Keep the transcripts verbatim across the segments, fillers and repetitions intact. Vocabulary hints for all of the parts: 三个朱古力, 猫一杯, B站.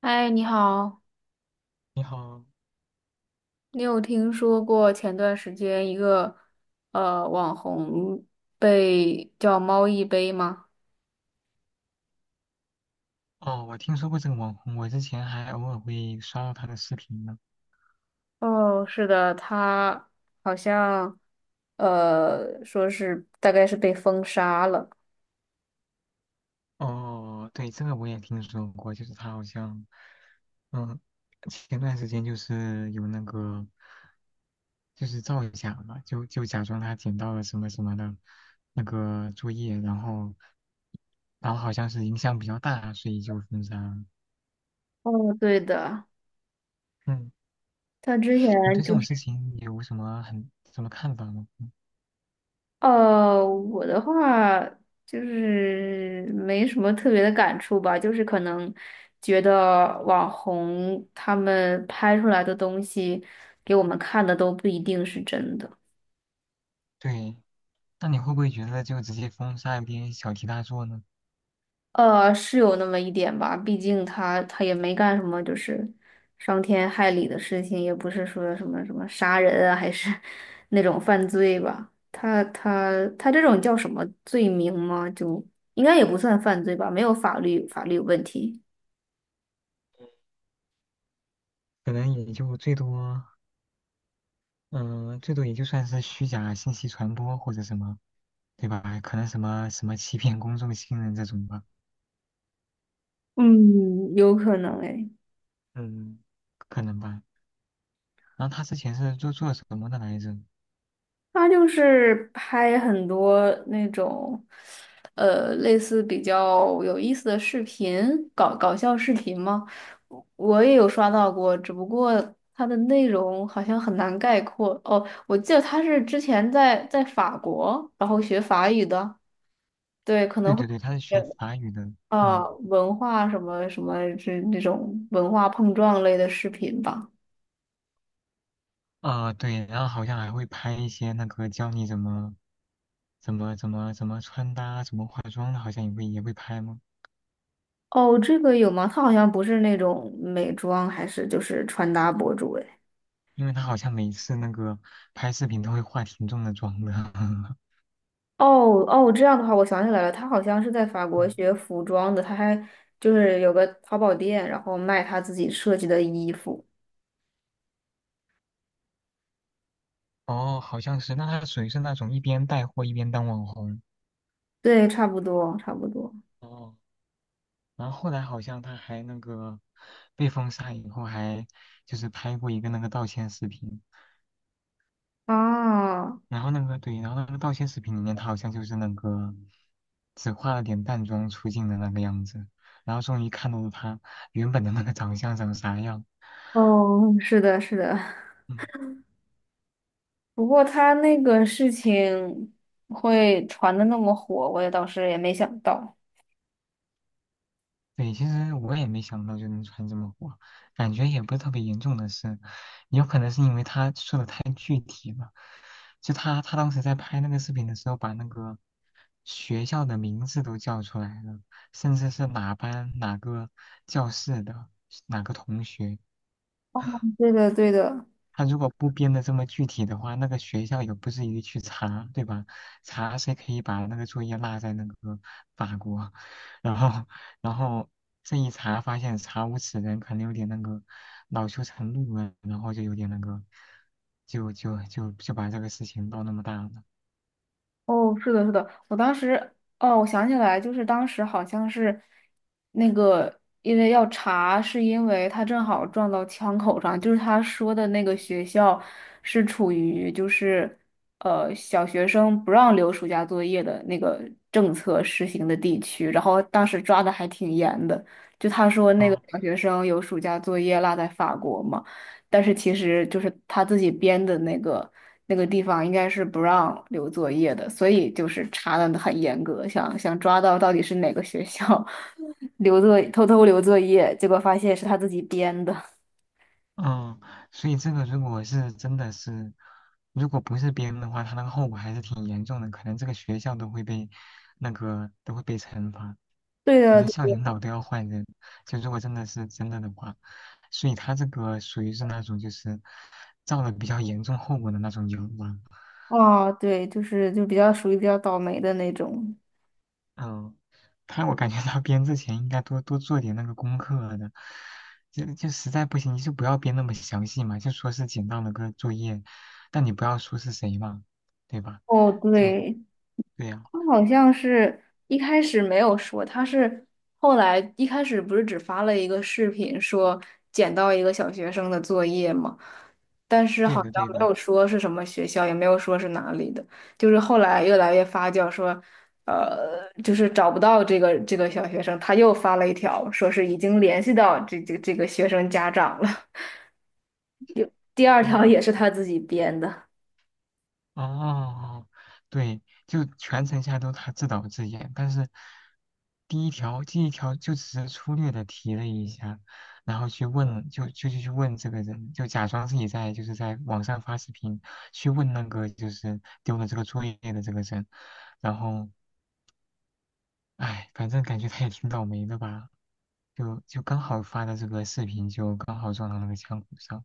嗨，你好，你好。你有听说过前段时间一个呃网红被叫猫一杯吗？哦，我听说过这个网红，我之前还偶尔会刷到他的视频呢。哦，是的，他好像呃说是大概是被封杀了。哦，对，这个我也听说过，就是他好像，嗯，前段时间就是有那个，就是造假嘛，就就假装他捡到了什么什么的那个作业，然后，然后好像是影响比较大，所以就封杀了。哦，对的，嗯，他之前你对这就种事情有什么很什么看法吗？嗯，呃，我的话就是没什么特别的感触吧，就是可能觉得网红他们拍出来的东西给我们看的都不一定是真的，对。那你会不会觉得就直接封杀一篇小题大做呢？呃，是有那么一点吧，毕竟他他也没干什么就是伤天害理的事情，也不是说什么什么杀人啊，还是 那种犯罪吧，他他他这种叫什么罪名吗？就应该也不算犯罪吧，没有法律法律问题。可能也就最多，嗯、最多也就算是虚假信息传播或者什么，对吧？可能什么什么欺骗公众信任这种吧，嗯，有可能诶，嗯，可能吧。然后他之前是做做什么的来着？他就是拍很多那种，呃，类似比较有意思的视频，搞搞笑视频嘛。我我也有刷到过，只不过他的内容好像很难概括。哦，我记得他是之前在在法国，然后学法语的，对，可对能会对对，他是呃学法语的。啊，嗯，文化什么什么这这种文化碰撞类的视频吧。啊、对，然后好像还会拍一些那个教你怎么怎么怎么怎么穿搭、怎么化妆的，好像也会也会拍吗？哦，这个有吗？他好像不是那种美妆，还是就是穿搭博主哎。因为他好像每次那个拍视频都会化挺重的妆的。哦哦，这样的话，我想起来了，他好像是在法嗯，国学服装的，他还就是有个淘宝店，然后卖他自己设计的衣服。哦，好像是，那他属于是那种一边带货一边当网红。对，差不多，差不多。哦，然后后来好像他还那个被封杀以后，还就是拍过一个那个道歉视频。啊，然后那个对，然后那个道歉视频里面，他好像就是那个只化了点淡妆出镜的那个样子，然后终于看到了他原本的那个长相长啥样。哦，是的，是的。嗯。不过他那个事情会传的那么火，我也当时也没想到。对，其实我也没想到就能传这么火，感觉也不是特别严重的事，有可能是因为他说的太具体了。就他他当时在拍那个视频的时候，把那个学校的名字都叫出来了，甚至是哪班哪个教室的哪个同学，对的，对的。他如果不编的这么具体的话，那个学校也不至于去查，对吧？查谁可以把那个作业落在那个法国，然后，然后这一查发现查无此人，可能有点那个恼羞成怒了，然后就有点那个，就就就就把这个事情闹那么大了。哦，是的，是的，我当时，哦，我想起来，就是当时好像是那个，因为要查，是因为他正好撞到枪口上，就是他说的那个学校是处于就是呃小学生不让留暑假作业的那个政策实行的地区，然后当时抓的还挺严的，就他说那个哦，小学生有暑假作业落在法国嘛。但是其实就是他自己编的那个那个地方应该是不让留作业的，所以就是查的很严格，想想抓到到底是哪个学校 留作偷偷留作业，结果发现是他自己编的。嗯，所以这个如果是真的是，如果不是别人的话，他那个后果还是挺严重的，可能这个学校都会被那个都会被惩罚，对可的，能对校领的。导都要换人。就如果真的是真的的话，所以他这个属于是那种就是造了比较严重后果的那种谣吧。哦，对，就是就比较属于比较倒霉的那种。嗯，他我感觉他编之前应该多多做点那个功课的，就就实在不行你就不要编那么详细嘛，就说是简到的个作业，但你不要说是谁嘛，对吧？哦，就对，对呀、他好像是一开始没有说，他是后来一开始不是只发了一个视频说捡到一个小学生的作业嘛，但是对好的像对没的。有说是什么学校，也没有说是哪里的，就是后来越来越发酵说，呃，就是找不到这个这个小学生，他又发了一条说是已经联系到这这这个学生家长了，第二哦。条也是他自己编的。哦，对，就全程下来都他自导自演，但是第一条第一条就只是粗略的提了一下，然后去问，就就就去问这个人，就假装自己在就是在网上发视频去问那个就是丢了这个作业的这个人，然后哎，反正感觉他也挺倒霉的吧，就就刚好发的这个视频就刚好撞到那个枪口上，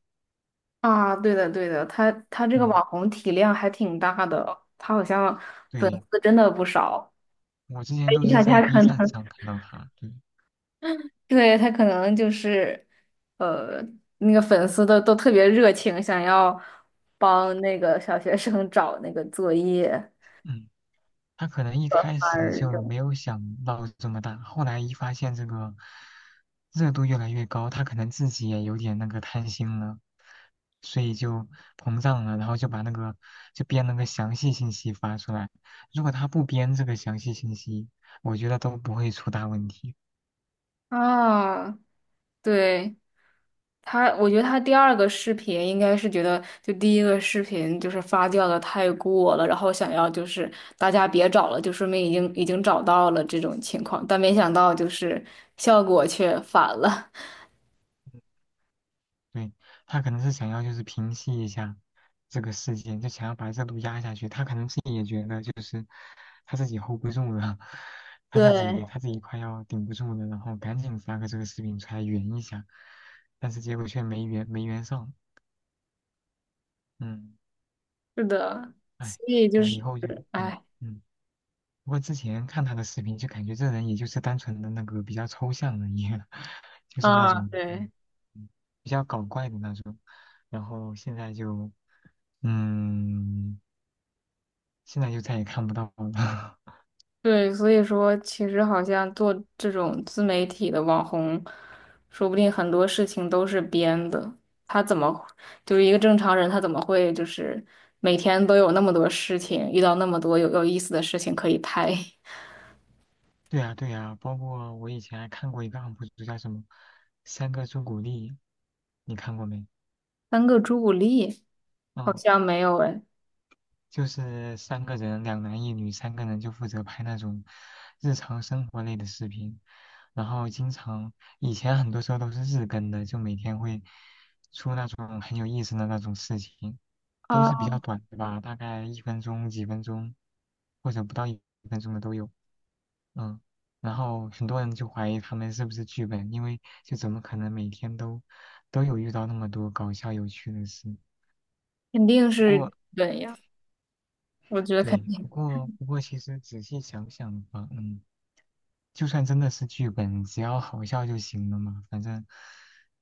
啊，对的，对的，他他这个嗯，网红体量还挺大的，他好像粉对，丝真的不少，我之前所都以是大在 家可 B 能，站上看到他，对，对，他可能就是，呃，那个粉丝都都特别热情，想要帮那个小学生找那个作业、嗯。他可能一做开番始儿这就种。没有想到这么大，后来一发现这个热度越来越高，他可能自己也有点那个贪心了，所以就膨胀了，然后就把那个就编了个详细信息发出来。如果他不编这个详细信息，我觉得都不会出大问题。啊，对，他，我觉得他第二个视频应该是觉得，就第一个视频就是发酵的太过了，然后想要就是大家别找了，就说明已经已经找到了这种情况，但没想到就是效果却反了。对，他可能是想要就是平息一下这个事件，就想要把热度压下去。他可能自己也觉得就是他自己 hold 不住了，他自对，己他自己快要顶不住了，然后赶紧发个这个视频出来圆一下，但是结果却没圆没圆上。嗯，是的，哎，所以就我以是，后就对。哎，嗯。不过之前看他的视频，就感觉这人也就是单纯的那个比较抽象的一个，就是那啊，种嗯对。嗯比较搞怪的那种。然后现在就嗯，现在就再也看不到了。对，所以说其实好像做这种自媒体的网红，说不定很多事情都是编的。他怎么就是一个正常人，他怎么会就是每天都有那么多事情，遇到那么多有有意思的事情可以拍？对呀，对呀，包括我以前还看过一个 U P 主叫什么“三个朱古力”，你看过没？三个朱古力好嗯，像没有哎，就是三个人，两男一女，三个人就负责拍那种日常生活类的视频，然后经常以前很多时候都是日更的，就每天会出那种很有意思的那种事情，都是比啊，较短的吧，大概一分钟、几分钟，或者不到一分钟的都有。嗯，然后很多人就怀疑他们是不是剧本，因为就怎么可能每天都都有遇到那么多搞笑有趣的事？肯定不是过，本呀，我觉得肯对，不定过不过，其实仔细想想吧，嗯，就算真的是剧本，只要好笑就行了嘛，反正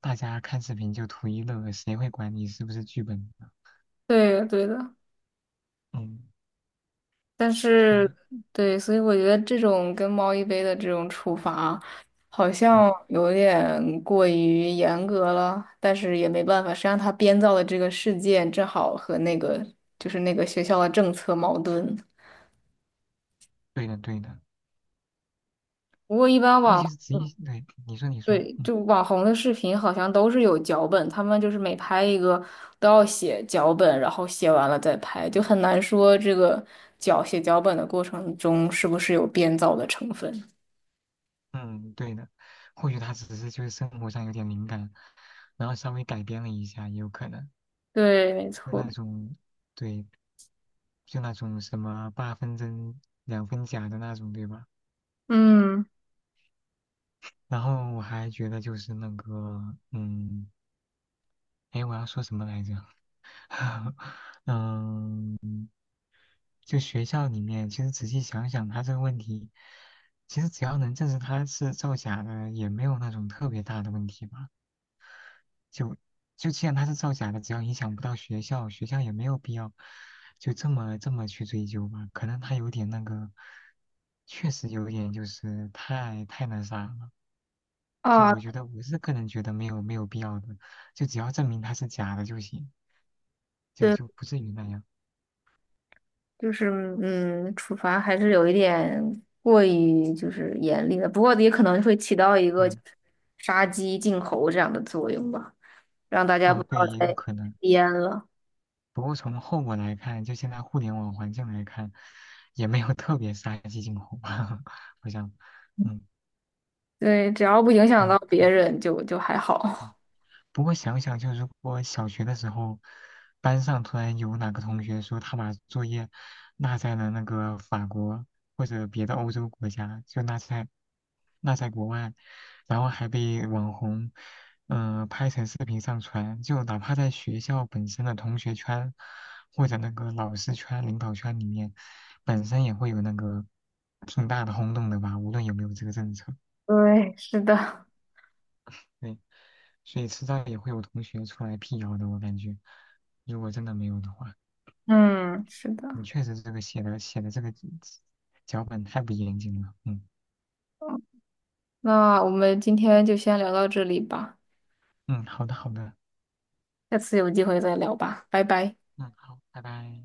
大家看视频就图一乐，谁会管你是不是剧本呢？对的对的。嗯，但所是，以，对，所以我觉得这种跟猫一杯的这种处罚，好嗯，像有点过于严格了，但是也没办法，谁让他编造的这个事件正好和那个就是那个学校的政策矛盾。对的对的。不过一般不过其网，实仔细，对，你说你说。对，就网红的视频好像都是有脚本，他们就是每拍一个都要写脚本，然后写完了再拍，就很难说这个脚写脚本的过程中是不是有编造的成分。嗯，对的，或许他只是就是生活上有点敏感，然后稍微改编了一下，也有可能。对，没就错。那种，对，就那种什么八分真两分假的那种，对吧？嗯，然后我还觉得就是那个，嗯，哎，我要说什么来着？嗯，就学校里面，其实仔细想想，他这个问题，其实只要能证实他是造假的，也没有那种特别大的问题吧。就就既然它是造假的，只要影响不到学校，学校也没有必要就这么这么去追究吧。可能他有点那个，确实有点就是太太那啥了。就啊，我觉得我是个人觉得没有没有必要的，就只要证明它是假的就行，就对，就不至于那样。就是嗯，处罚还是有一点过于就是严厉的，不过也可能会起到一个对，就是杀鸡儆猴这样的作用吧，让大家不哦对，要也有再可能。编了。不过从后果来看，就现在互联网环境来看，也没有特别杀鸡儆猴吧，好像，嗯对，只要不影响到嗯。别人就，就还好。不过想想，就如果小学的时候，班上突然有哪个同学说他把作业落在了那个法国或者别的欧洲国家，就落在落在国外，然后还被网红嗯、呃拍成视频上传，就哪怕在学校本身的同学圈或者那个老师圈、领导圈里面，本身也会有那个挺大的轰动的吧，无论有没有这个政策。对，是的，对，所以迟早也会有同学出来辟谣的，我感觉，如果真的没有的话，嗯，是你的。确实这个写的写的这个脚本太不严谨了，嗯那我们今天就先聊到这里吧，嗯，好的好的，下次有机会再聊吧，拜拜。嗯好，拜拜。